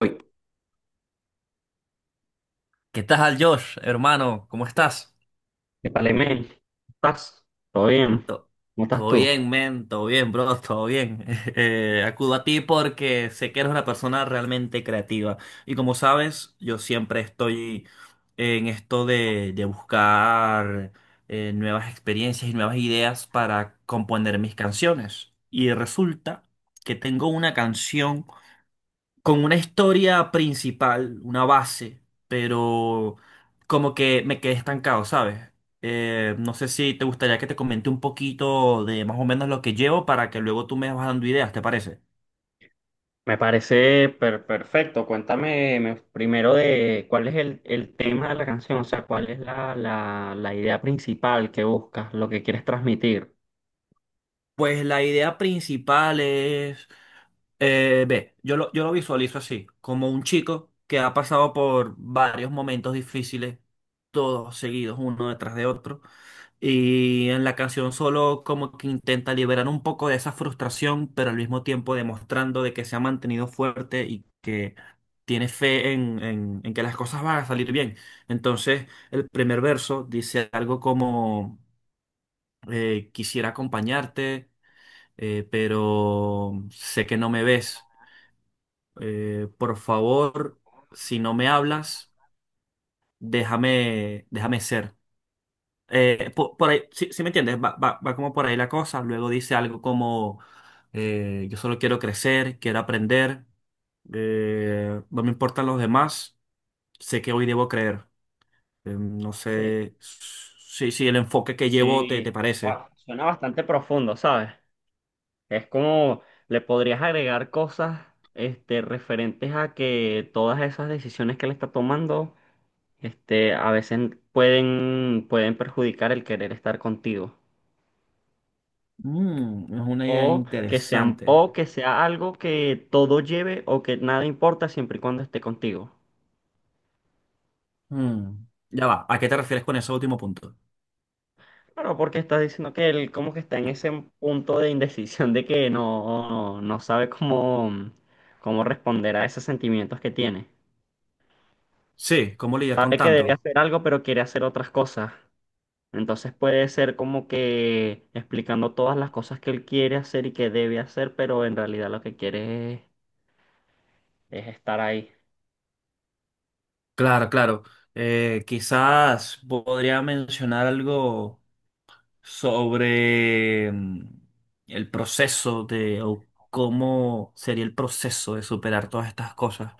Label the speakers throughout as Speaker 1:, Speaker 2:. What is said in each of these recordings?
Speaker 1: Uy,
Speaker 2: ¿Qué tal, Josh, hermano? ¿Cómo estás?
Speaker 1: épale, men, ¿estás? ¿Todo bien?
Speaker 2: To-
Speaker 1: ¿Cómo estás
Speaker 2: Todo
Speaker 1: tú?
Speaker 2: bien, men, todo bien, bro, todo bien. Acudo a ti porque sé que eres una persona realmente creativa. Y como sabes, yo siempre estoy en esto de buscar nuevas experiencias y nuevas ideas para componer mis canciones. Y resulta que tengo una canción con una historia principal, una base, pero como que me quedé estancado, ¿sabes? No sé si te gustaría que te comente un poquito de más o menos lo que llevo para que luego tú me vas dando ideas, ¿te parece?
Speaker 1: Me parece perfecto. Cuéntame primero de cuál es el tema de la canción, o sea, cuál es la idea principal que buscas, lo que quieres transmitir.
Speaker 2: Pues la idea principal es, ve, yo lo visualizo así, como un chico que ha pasado por varios momentos difíciles, todos seguidos uno detrás de otro. Y en la canción solo como que intenta liberar un poco de esa frustración, pero al mismo tiempo demostrando de que se ha mantenido fuerte y que tiene fe en que las cosas van a salir bien. Entonces, el primer verso dice algo como, quisiera acompañarte, pero sé que no me ves. Por favor, si no me hablas, déjame, déjame ser. Por, ahí, sí, sí me entiendes, va, va como por ahí la cosa. Luego dice algo como, yo solo quiero crecer, quiero aprender, no me importan los demás, sé que hoy debo creer. No
Speaker 1: Sí.
Speaker 2: sé si el enfoque que llevo te
Speaker 1: Sí,
Speaker 2: parece.
Speaker 1: guau, suena bastante profundo, ¿sabes? Es como le podrías agregar cosas este, referentes a que todas esas decisiones que él está tomando. Este, a veces pueden perjudicar el querer estar contigo.
Speaker 2: Mm, es una idea
Speaker 1: O que sean,
Speaker 2: interesante.
Speaker 1: o que sea algo que todo lleve o que nada importa siempre y cuando esté contigo.
Speaker 2: Mm, ya va, ¿a qué te refieres con ese último punto?
Speaker 1: Claro, porque estás diciendo que él como que está en ese punto de indecisión de que no, no sabe cómo, cómo responder a esos sentimientos que tiene.
Speaker 2: Sí, ¿cómo lidiar con
Speaker 1: Sabe que debe
Speaker 2: tanto?
Speaker 1: hacer algo, pero quiere hacer otras cosas. Entonces puede ser como que explicando todas las cosas que él quiere hacer y que debe hacer, pero en realidad lo que quiere es estar ahí.
Speaker 2: Claro, claro. Quizás podría mencionar algo sobre el proceso de, o cómo sería el proceso de superar todas estas cosas.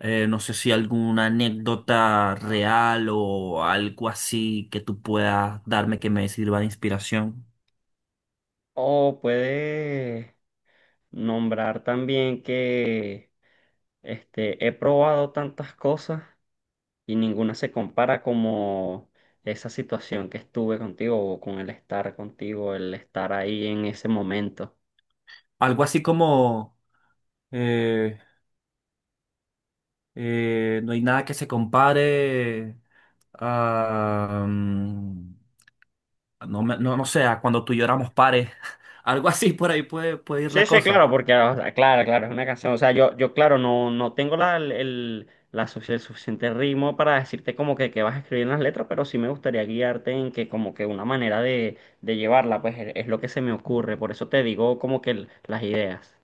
Speaker 2: No sé si alguna anécdota real o algo así que tú puedas darme que me sirva de inspiración.
Speaker 1: O puede nombrar también que este, he probado tantas cosas y ninguna se compara como esa situación que estuve contigo o con el estar contigo, el estar ahí en ese momento.
Speaker 2: Algo así como eh, no hay nada que se compare a, no, no, no sé, a cuando tú lloramos pares. Algo así por ahí puede, puede ir
Speaker 1: Sí,
Speaker 2: la
Speaker 1: sí,
Speaker 2: cosa.
Speaker 1: claro, porque, o sea, claro, claro, es una canción. O sea, yo claro, no, no tengo la, el- la sufic- el suficiente ritmo para decirte como que vas a escribir en las letras, pero sí me gustaría guiarte en que como que una manera de llevarla, pues es lo que se me ocurre. Por eso te digo como que las ideas.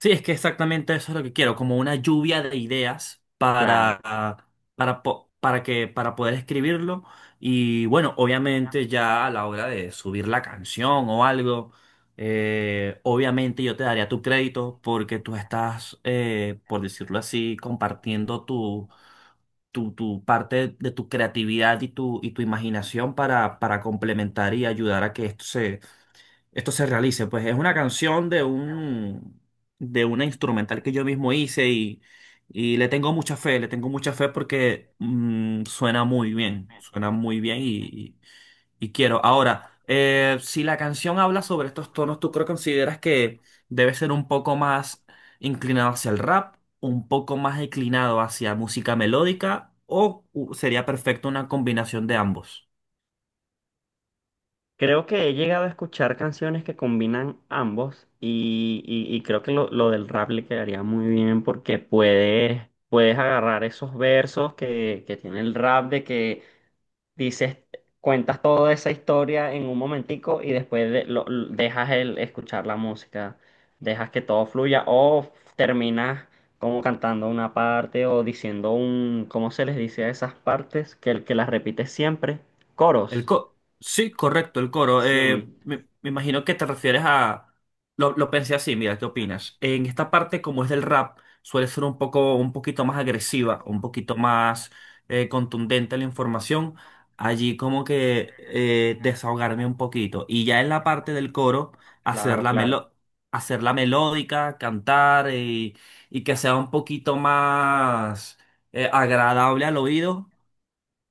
Speaker 2: Sí, es que exactamente eso es lo que quiero, como una lluvia de ideas
Speaker 1: Claro.
Speaker 2: para que, para poder escribirlo. Y bueno, obviamente ya a la hora de subir la canción o algo, obviamente yo te daría tu crédito porque tú estás, por decirlo así, compartiendo tu parte de tu creatividad y tu imaginación para complementar y ayudar a que esto se realice. Pues es una canción de un, de una instrumental que yo mismo hice y le tengo mucha fe, le tengo mucha fe porque suena muy bien y quiero. Ahora, si la canción habla sobre estos tonos, ¿tú creo consideras que debe ser un poco más inclinado hacia el rap, un poco más inclinado hacia música melódica o sería perfecto una combinación de ambos?
Speaker 1: Creo que he llegado a escuchar canciones que combinan ambos y, y creo que lo del rap le quedaría muy bien porque puedes, puedes agarrar esos versos que tiene el rap de que dices, cuentas toda esa historia en un momentico y después dejas el escuchar la música, dejas que todo fluya o terminas como cantando una parte o diciendo un, ¿cómo se les dice a esas partes? Que las repites siempre,
Speaker 2: El
Speaker 1: coros.
Speaker 2: co Sí, correcto, el coro.
Speaker 1: Sí,
Speaker 2: Me imagino que te refieres a... Lo pensé así, mira, ¿qué opinas? En esta parte, como es del rap, suele ser un poco, un poquito más agresiva, un poquito más contundente la información. Allí como que desahogarme un poquito. Y ya en la parte del coro, hacer
Speaker 1: claro,
Speaker 2: la
Speaker 1: claro.
Speaker 2: melo- hacer la melódica, cantar y que sea un poquito más agradable al oído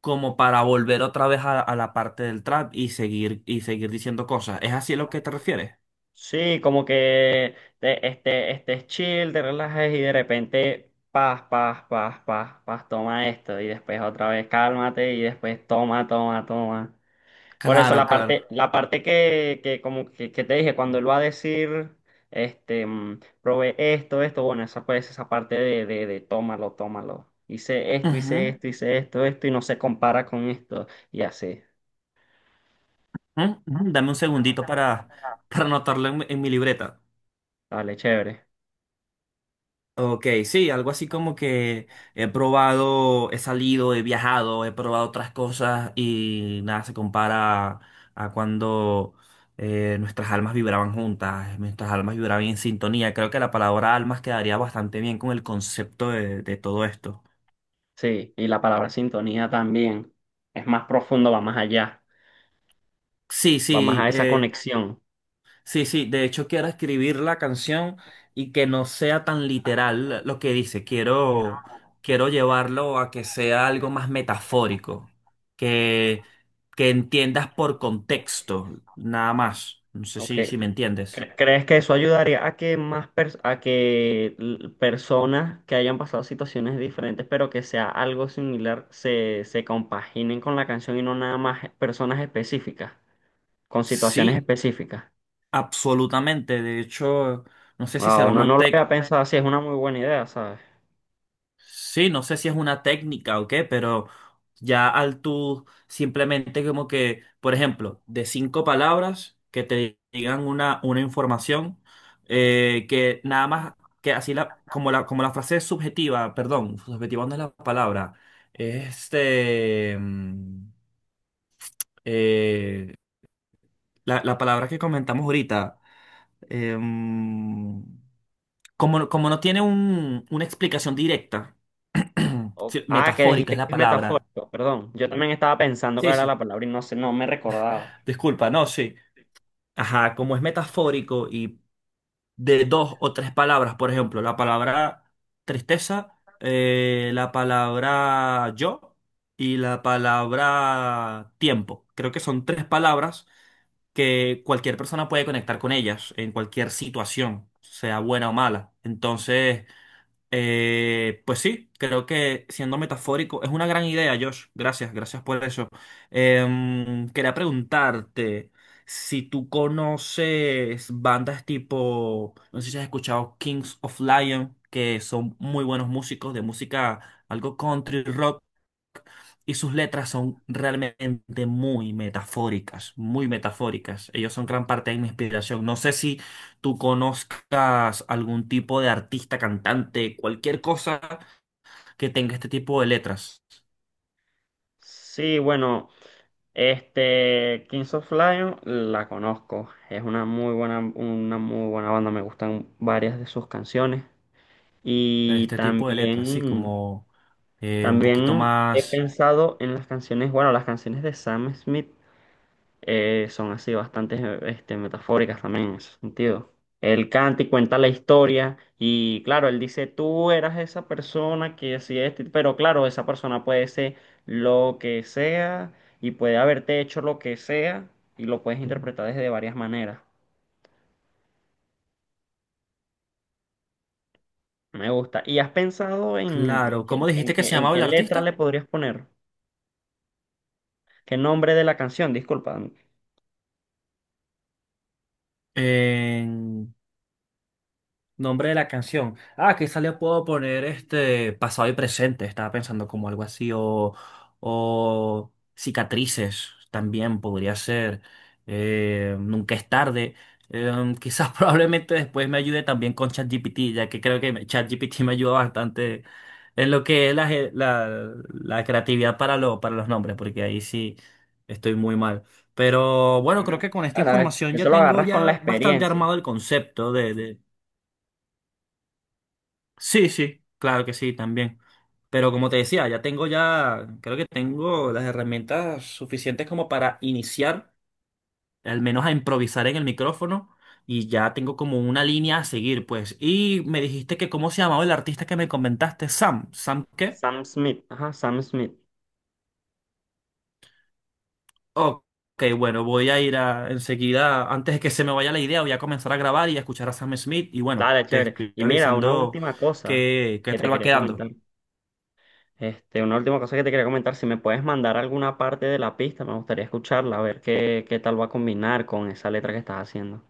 Speaker 2: como para volver otra vez a la parte del trap y seguir diciendo cosas. ¿Es así a lo que te refieres?
Speaker 1: Sí, como que te, este chill, te relajes y de repente paz, paz, paz, paz, paz, toma esto y después otra vez cálmate y después toma, toma, toma. Por eso
Speaker 2: Claro, claro.
Speaker 1: la parte que como que te dije, cuando él va a decir, este, probé esto, esto, bueno, esa pues esa parte de tómalo, tómalo. Hice esto, hice
Speaker 2: Ujú,
Speaker 1: esto, hice esto, esto y no se compara con esto y así.
Speaker 2: ujú, ujú. Dame un
Speaker 1: Dame un
Speaker 2: segundito
Speaker 1: segundito para...
Speaker 2: para anotarlo en mi libreta.
Speaker 1: Dale, chévere.
Speaker 2: Ok, sí, algo así como que he probado, he salido, he viajado, he probado otras cosas y nada se compara a cuando nuestras almas vibraban juntas, nuestras almas vibraban en sintonía. Creo que la palabra almas quedaría bastante bien con el concepto de todo esto.
Speaker 1: Sí, y la palabra sintonía también. Es más profundo, va más allá,
Speaker 2: Sí,
Speaker 1: va más
Speaker 2: sí,
Speaker 1: a esa conexión.
Speaker 2: sí, sí. De hecho, quiero escribir la canción y que no sea tan
Speaker 1: Tan literal
Speaker 2: literal lo que dice.
Speaker 1: que si quiero,
Speaker 2: Quiero
Speaker 1: quiero
Speaker 2: llevarlo
Speaker 1: que
Speaker 2: a que sea algo
Speaker 1: sea
Speaker 2: más
Speaker 1: bastante claro.
Speaker 2: metafórico, que, que entiendas por contexto, nada más. No sé
Speaker 1: Ok.
Speaker 2: si me entiendes.
Speaker 1: ¿Crees que eso ayudaría a que más pers- a que l- personas que hayan pasado situaciones diferentes, pero que sea algo similar, se compaginen con la canción y no nada más personas específicas? Con situaciones
Speaker 2: Sí,
Speaker 1: específicas.
Speaker 2: absolutamente. De hecho, no sé si será
Speaker 1: Wow, no,
Speaker 2: una
Speaker 1: no lo había
Speaker 2: técnica.
Speaker 1: pensado así, es una muy buena idea, ¿sabes?
Speaker 2: Sí, no sé si es una técnica o qué, pero ya al tú simplemente como que, por ejemplo, de cinco palabras que te digan una información que nada más que así como la frase es subjetiva, perdón, subjetiva no es la palabra, este, mm, eh, la palabra que comentamos ahorita, em, como, no tiene una explicación directa, sí,
Speaker 1: Ah, que
Speaker 2: metafórica
Speaker 1: dijiste
Speaker 2: es
Speaker 1: que
Speaker 2: la
Speaker 1: es
Speaker 2: palabra.
Speaker 1: metafórico, perdón. Yo también estaba pensando
Speaker 2: Sí,
Speaker 1: cuál era la
Speaker 2: sí.
Speaker 1: palabra y no sé, no me recordaba.
Speaker 2: Disculpa, no, sí. Ajá, como es metafórico y de dos o tres palabras, por ejemplo, la palabra tristeza, la palabra yo y la palabra tiempo. Creo que son tres palabras que cualquier persona puede conectar con ellas en cualquier situación, sea buena o mala. Entonces... Pues sí, creo que siendo metafórico, es una gran idea, Josh. Gracias, gracias por eso. Quería preguntarte si tú conoces bandas tipo, no sé si has escuchado Kings of Lion, que son muy buenos músicos de música, algo country rock y sus letras son realmente muy metafóricas, muy metafóricas. Ellos son gran parte de mi inspiración. No sé si tú conozcas algún tipo de artista, cantante, cualquier cosa que tenga este tipo de letras,
Speaker 1: Sí, bueno, este, Kings of Lion la conozco. Es una muy buena banda, me gustan varias de sus canciones. Y
Speaker 2: este tipo de letras, sí,
Speaker 1: también,
Speaker 2: como un poquito
Speaker 1: también he
Speaker 2: más
Speaker 1: pensado en las canciones, bueno, las canciones de Sam Smith. Eh, son así bastante este, metafóricas también en ese sentido. Él canta y cuenta la historia y claro, él dice, tú eras esa persona que hacía esto, pero claro, esa persona puede ser lo que sea y puede haberte hecho lo que sea y lo puedes interpretar desde varias maneras. Me gusta. ¿Y has pensado en
Speaker 2: claro. ¿Cómo
Speaker 1: qué,
Speaker 2: dijiste que se
Speaker 1: en
Speaker 2: llamaba
Speaker 1: qué
Speaker 2: el
Speaker 1: letra
Speaker 2: artista?
Speaker 1: le podrías poner? ¿Qué nombre de la canción? Disculpa.
Speaker 2: Eh, Nombre de la canción. Ah, quizá le puedo poner este pasado y presente. Estaba pensando como algo así. O cicatrices también podría ser. Nunca es tarde. Quizás probablemente después me ayude también con ChatGPT, ya que creo que ChatGPT me ayuda bastante en lo que es la creatividad para los nombres, porque ahí sí estoy muy mal. Pero bueno, creo
Speaker 1: Ajá.
Speaker 2: que con esta
Speaker 1: Bueno,
Speaker 2: información ya
Speaker 1: eso lo
Speaker 2: tengo
Speaker 1: agarras con la
Speaker 2: ya bastante
Speaker 1: experiencia.
Speaker 2: armado el concepto. Sí, sí, claro que sí, también. Pero como te decía, ya tengo ya, creo que tengo las herramientas suficientes como para iniciar, al menos a improvisar en el micrófono, y ya tengo como una línea a seguir, pues. Y me dijiste que cómo se llamaba el artista que me comentaste, Sam. ¿Sam qué?
Speaker 1: Sam Smith. Ajá, Sam Smith.
Speaker 2: Ok, bueno, voy a ir a, enseguida, antes de que se me vaya la idea, voy a comenzar a grabar y a escuchar a Sam Smith, y bueno,
Speaker 1: Dale,
Speaker 2: te
Speaker 1: chévere.
Speaker 2: estoy
Speaker 1: Y mira, una
Speaker 2: avisando
Speaker 1: última cosa
Speaker 2: qué, qué
Speaker 1: que te
Speaker 2: tal va
Speaker 1: quería
Speaker 2: quedando.
Speaker 1: comentar. Este, una última cosa que te quería comentar, si me puedes mandar alguna parte de la pista, me gustaría escucharla, a ver qué, qué tal va a combinar con esa letra que estás haciendo,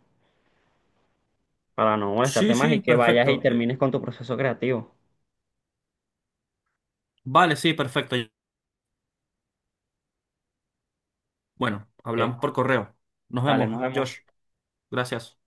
Speaker 1: para no molestarte
Speaker 2: Sí,
Speaker 1: más y
Speaker 2: sí,
Speaker 1: que vayas y
Speaker 2: perfecto.
Speaker 1: termines con tu proceso creativo.
Speaker 2: Vale, sí, perfecto. Bueno, hablamos
Speaker 1: Ok,
Speaker 2: por correo. Nos
Speaker 1: dale,
Speaker 2: vemos,
Speaker 1: nos vemos.
Speaker 2: Josh. Gracias.